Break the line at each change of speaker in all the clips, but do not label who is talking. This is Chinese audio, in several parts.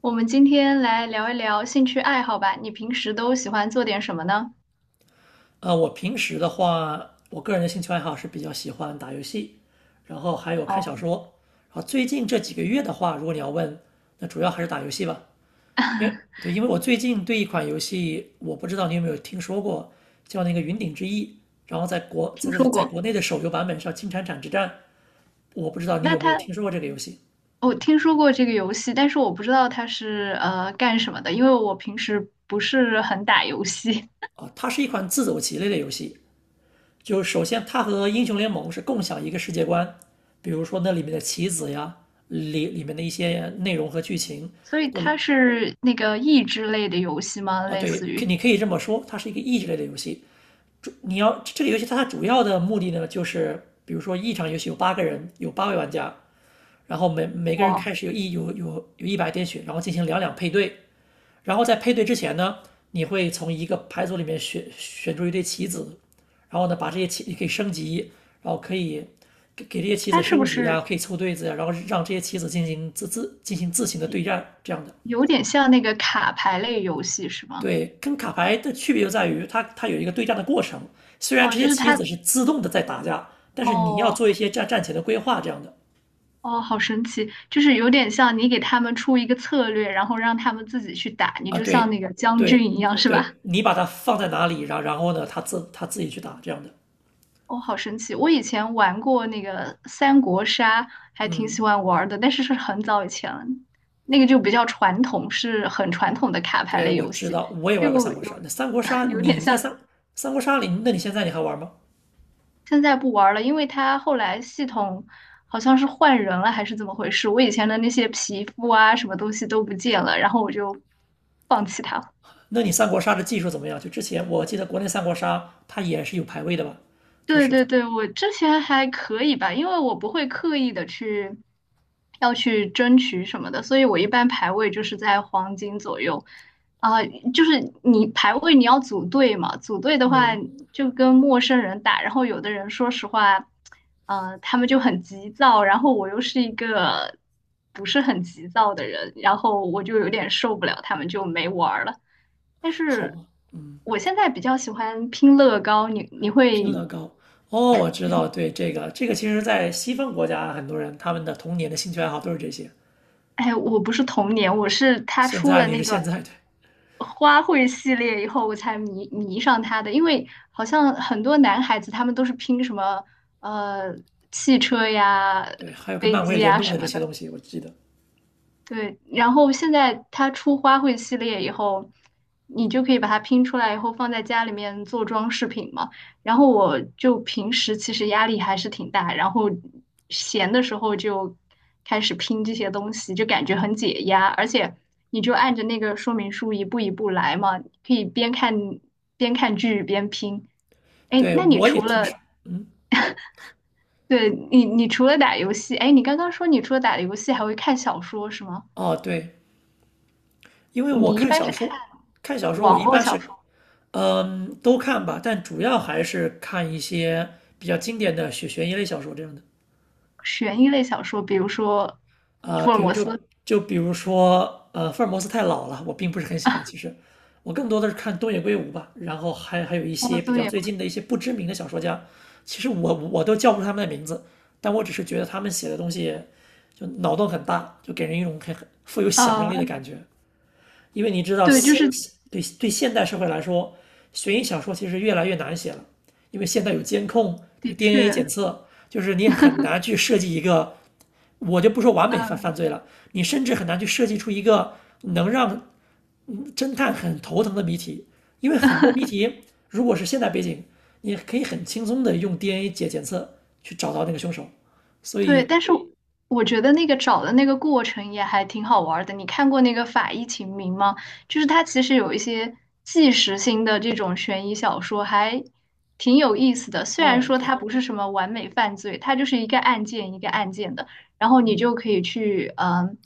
我们今天来聊一聊兴趣爱好吧。你平时都喜欢做点什么呢？
我平时的话，我个人的兴趣爱好是比较喜欢打游戏，然后还有看小
哦，
说。然后最近这几个月的话，如果你要问，那主要还是打游戏吧。因为对，因为我最近对一款游戏，我不知道你有没有听说过，叫那个《云顶之弈》，然后在国
听
在在
说
在
过。
国内的手游版本上，《金铲铲之战》，我不知道你
那
有没有
它，
听说过这个游戏
我听说过这个游戏，但是我不知道它是干什么的，因为我平时不是很打游戏，
啊？它是一款自走棋类的游戏，就首先它和英雄联盟是共享一个世界观，比如说那里面的棋子呀，里面的一些内容和剧情
所以
都
它是那个益智类的游戏吗？
啊，
类
对，
似
可
于，
你可以这么说，它是一个益智类的游戏。主你要这个游戏它主要的目的呢，就是比如说一场游戏有八个人，有八位玩家，然后每个人
哇，
开始有一百点血，然后进行两两配对，然后在配对之前呢，你会从一个牌组里面选出一对棋子，然后呢，把这些棋你可以升级，然后可以给这些棋子
它是不
升级
是
呀、可以凑对子呀、然后让这些棋子进行自行的对战，这样的。
有点像那个卡牌类游戏是吗？
对，跟卡牌的区别就在于它有一个对战的过程，虽然
哦，
这些
就是
棋
它，
子是自动的在打架，但是你要
哦，
做一些战前的规划这样的
哦，好神奇，就是有点像你给他们出一个策略，然后让他们自己去打，你
啊，
就像
对
那个将
对，
军一
嗯，
样，是吧？
对你把它放在哪里，然后呢，它自己去打这样的，
哦，好神奇！我以前玩过那个三国杀，还挺
嗯。
喜欢玩儿的，但是是很早以前了，那个就比较传统，是很传统的卡牌
对，
类
我
游
知
戏，
道，我也
就
玩过三国杀。
有
那三国 杀，
有点
你在
像
三三国杀里，那你现在你还玩吗？
现在不玩儿了，因为它后来系统好像是换人了，还是怎么回事？我以前的那些皮肤啊，什么东西都不见了，然后我就放弃它。
那你三国杀的技术怎么样？就之前我记得国内三国杀它也是有排位的吧？就
对
是
对
它，
对，我之前还可以吧，因为我不会刻意的去要去争取什么的，所以我一般排位就是在黄金左右。啊、就是你排位你要组队嘛，组队的话
嗯，
就跟陌生人打，然后有的人说实话，他们就很急躁，然后我又是一个不是很急躁的人，然后我就有点受不了，他们就没玩儿了。但
好
是
吧，
我现在比较喜欢拼乐高，你
拼乐
会？
高。哦，我知道，对这个，其实，在西方国家，很多人他们的童年的兴趣爱好都是这些。
哎，我不是童年，我是他
现
出
在
了
你
那
是
个
现在，对
花卉系列以后，我才迷上他的。因为好像很多男孩子他们都是拼什么呃汽车呀、
对，还有跟
飞
漫威
机
联
呀
动
什
的这
么
些
的，
东西，我记得。
对，然后现在它出花卉系列以后，你就可以把它拼出来以后放在家里面做装饰品嘛。然后我就平时其实压力还是挺大，然后闲的时候就开始拼这些东西，就感觉很解压。而且你就按着那个说明书一步一步来嘛，可以边看剧边拼。哎，
对，
那你
我也
除
听
了，
说，嗯，
对，你你除了打游戏，哎，你刚刚说你除了打游戏还会看小说是吗？
哦，对，因为我
你一
看
般
小
是看
说，看小说我
网
一
络
般
小
是
说、
嗯，都看吧，但主要还是看一些比较经典的悬疑类小说这样的
悬疑类小说，比如说
啊、
福尔
比如
摩
就
斯。
就比如说福尔摩斯太老了，我并不是很喜欢。其实我更多的是看东野圭吾吧，然后还有一
哦，
些比较
对，
最近的一些不知名的小说家，其实我都叫不出他们的名字，但我只是觉得他们写的东西就脑洞很大，就给人一种很富有想象力的
嗯，
感觉。因为你知道
对，就
现
是
对对现代社会来说，悬疑小说其实越来越难写了，因为现在有监控，它
的
有
确，
DNA 检测，就是你很难去设计一个，我就不说完美犯犯
嗯，
罪了，你甚至很难去设计出一个能让侦探很头疼的谜题，因为很多谜题如果是现代背景，你可以很轻松的用 DNA 检测去找到那个凶手，所
对，
以，
但是我觉得那个找的那个过程也还挺好玩儿的。你看过那个《法医秦明》吗？就是它其实有一些纪实性的这种悬疑小说，还挺有意思的。虽然
哦，
说
对。
它不是什么完美犯罪，它就是一个案件一个案件的，然后你就可以去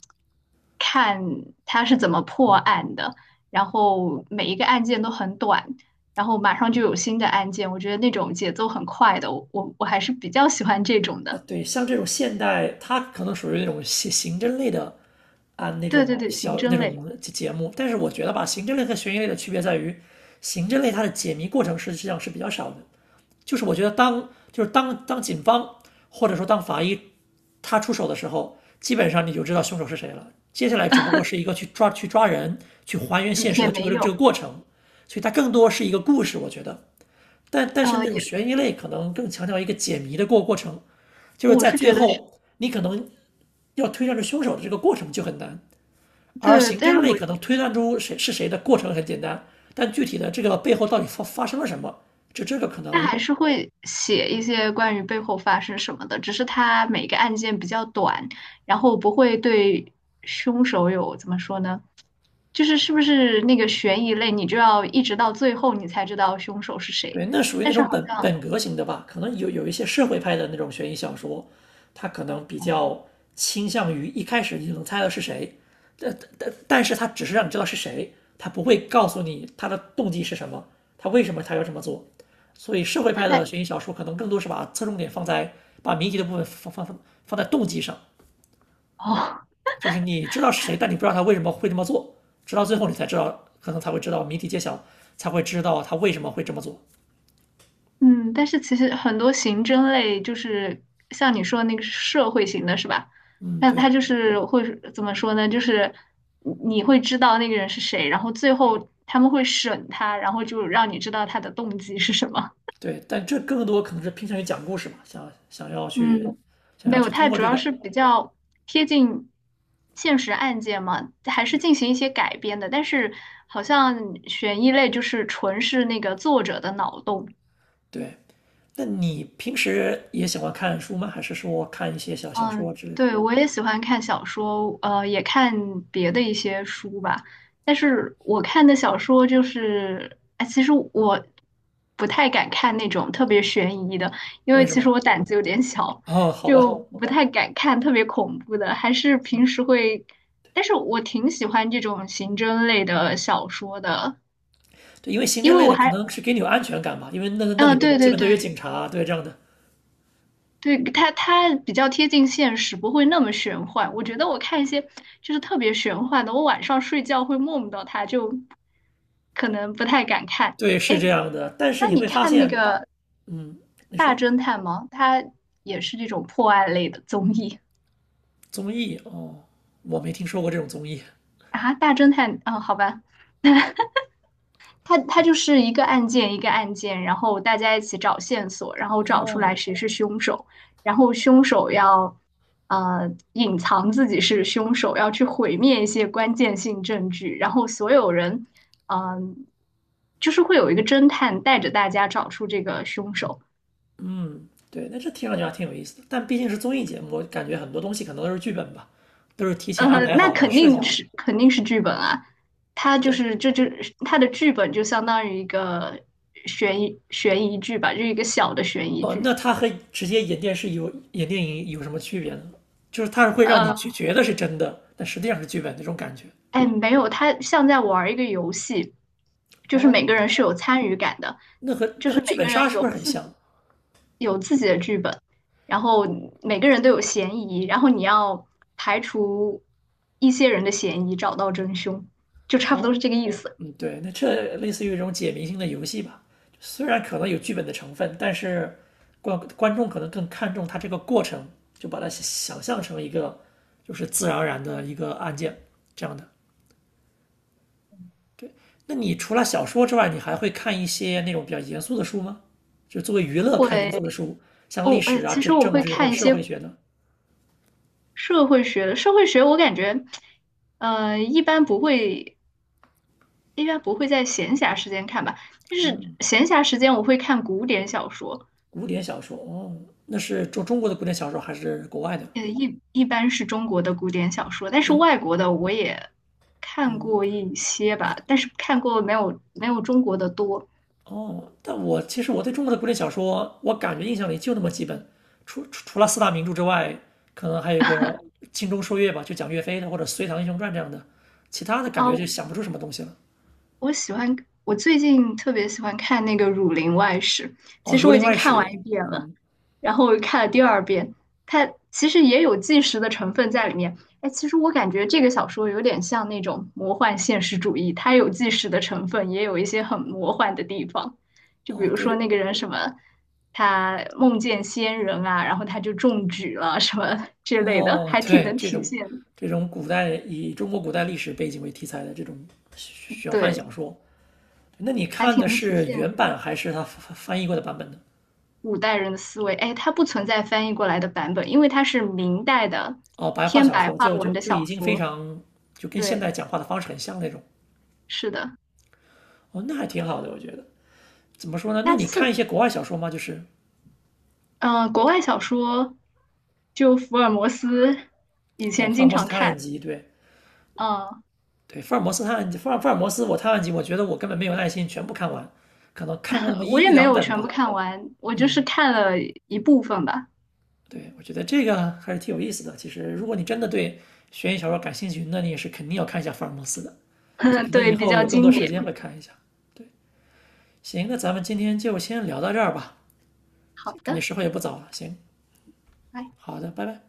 看它是怎么破案的，然后每一个案件都很短。然后马上就有新的案件，我觉得那种节奏很快的，我还是比较喜欢这种
啊，
的。
对，像这种现代，它可能属于那种刑侦类的啊那
对
种
对对，刑
小那
侦类，
种节目，但是我觉得吧，刑侦类和悬疑类的区别在于，刑侦类它的解谜过程实际上是比较少的，就是我觉得当就是当当警方或者说当法医他出手的时候，基本上你就知道凶手是谁了，接下来只不过是一个去抓人去还原
嗯，
现实
也
的这
没
个这个
有，
过程，所以它更多是一个故事，我觉得。但但是
呃，
那种
也
悬疑类可能更强调一个解谜的过程，就是
我
在
是
最
觉得是，
后你可能要推断出凶手的这个过程就很难，而
对，
刑
但是
侦
我
类可能推断出谁是谁的过程很简单，但具体的这个背后到底发生了什么，就这个可
他
能
还是会写一些关于背后发生什么的，只是他每个案件比较短，然后不会对凶手有怎么说呢？就是是不是那个悬疑类，你就要一直到最后你才知道凶手是谁，
对，那属于
但
那
是
种
好
本
像，
本格型的吧，可能有一些社会派的那种悬疑小说，它可能比
哦，
较倾向于一开始你就能猜到是谁，但是它只是让你知道是谁，它不会告诉你他的动机是什么，他为什么他要这么做。所以社会
那
派的
还
悬疑小说可能更多是把侧重点放在把谜题的部分放在动机上，
哦。
就是你知道是谁，但你不知道他为什么会这么做，直到最后你才知道，可能才会知道谜题揭晓，才会知道他为什么会这么做。
嗯，但是其实很多刑侦类就是像你说的那个社会型的是吧？
嗯，
那
对。
他就是会怎么说呢？就是你会知道那个人是谁，然后最后他们会审他，然后就让你知道他的动机是什么。
对，但这更多可能是偏向于讲故事嘛，想要去
嗯，
想
没
要
有，
去通
它
过
主
这
要
个，
是比较贴近现实案件嘛，还是进行一些改编的。但是好像悬疑类就是纯是那个作者的脑洞。
对。那你平时也喜欢看书吗？还是说看一些小小
嗯，
说之类的？
对，我也喜欢看小说，也看别的一些书吧。但是我看的小说就是，哎，其实我不太敢看那种特别悬疑的，因
为
为
什
其
么？
实我胆子有点小，
哦，好
就
吧，
不太敢看特别恐怖的。还是平时会，但是我挺喜欢这种刑侦类的小说的，
对，因为刑
因
侦
为
类
我
的可
还，
能是给你有安全感吧，因为那那里
嗯，
面
对
基
对
本都
对，
有警察，对这样的，
对，它比较贴近现实，不会那么玄幻。我觉得我看一些就是特别玄幻的，我晚上睡觉会梦到它，就可能不太敢看。
对，
哎，
是这样的。但是
那
你
你
会发
看那
现，
个
嗯，你
大
说
侦探吗？它也是这种破案类的综艺
综艺哦，我没听说过这种综艺
啊。大侦探，嗯，好吧，它就是一个案件一个案件，然后大家一起找线索，然后找出
哦。
来谁是凶手，然后凶手要隐藏自己是凶手，要去毁灭一些关键性证据，然后所有人嗯、呃就是会有一个侦探带着大家找出这个凶手。
嗯，对，那这听上去还挺有意思的，但毕竟是综艺节目，我感觉很多东西可能都是剧本吧，都是提前安排
那
好的、
肯
设计
定
好的。
是肯定是剧本啊，它就
对，
是这就是它的剧本就相当于一个悬疑剧吧，就是一个小的悬疑
哦，
剧。
那它和直接演电视有演电影有什么区别呢？就是它是会让你觉
呃，
觉得是真的，但实际上是剧本那种感觉。
哎，没有，它像在玩儿一个游戏，就是每
哦，
个人是有参与感的，
那和
就
那和
是
剧
每
本
个人
杀是不
有
是很像？
有自己的剧本，然后每个人都有嫌疑，然后你要排除一些人的嫌疑，找到真凶，就差不
哦，
多是这个意思。
嗯，对，那这类似于一种解谜性的游戏吧，虽然可能有剧本的成分，但是观众可能更看重它这个过程，就把它想象成一个就是自然而然的一个案件这样的。那你除了小说之外，你还会看一些那种比较严肃的书吗？就作为娱乐看严
会
肃的书，像历
哦，哎，
史啊、
其实
政
我
政
会
治或者
看一
社
些
会学的
社会学的，社会学我感觉，呃，一般不会，一般不会在闲暇时间看吧，但是闲暇时间我会看古典小说。
古典小说。哦，那是中国的古典小说还是国外的？
一般是中国的古典小说，但是
那
外国的我也看
嗯，
过一些吧，但是看过没有中国的多。
哦，但我其实我对中国的古典小说，我感觉印象里就那么几本，除了四大名著之外，可能还有一个《精忠说岳》吧，就讲岳飞的，或者《隋唐英雄传》这样的，其他的感
啊，
觉就想不出什么东西了。
我喜欢，我最近特别喜欢看那个《儒林外史》，
哦，
其实
《儒
我已
林
经
外
看
史》，
完一遍了。然后我又看了第二遍，它其实也有纪实的成分在里面。哎，其实我感觉这个小说有点像那种魔幻现实主义，它有纪实的成分，也有一些很魔幻的地方。就比
哦，
如说
对，
那个人什么，他梦见仙人啊，然后他就中举了什么之类的，
哦，
还挺
对，
能
这
体
种
现，
这种古代以中国古代历史背景为题材的这种玄幻小
对，
说，那你
还
看
挺
的
能体
是
现
原版还是他翻译过的版本呢？
古代人的思维。哎，它不存在翻译过来的版本，因为它是明代的
哦，白话
偏
小
白
说
话
就就
文的
就已
小
经非
说。
常就跟现
对，
代讲话的方式很像那种。
是的。
哦，那还挺好的，我觉得。怎么说呢？那
那
你
四
看一些国外小说吗？就是
嗯，国外小说就福尔摩斯，以
哦，
前
福尔
经
摩斯
常
探案
看，
集，对
嗯，
对，福尔摩斯探案集，福尔摩斯我探案集，我觉得我根本没有耐心全部看完，可能看过那么 一
我
一
也没
两
有
本
全部
吧。
看完，我就是看了一部分吧，
对，我觉得这个还是挺有意思的。其实，如果你真的对悬疑小说感兴趣，那你也是肯定要看一下福尔摩斯的。所以，可 能以
对，比
后
较
有更多
经
时
典。
间会看一下。行，那咱们今天就先聊到这儿吧，
好
感觉
的，
时候也不早了。行，
拜。
好的，拜拜。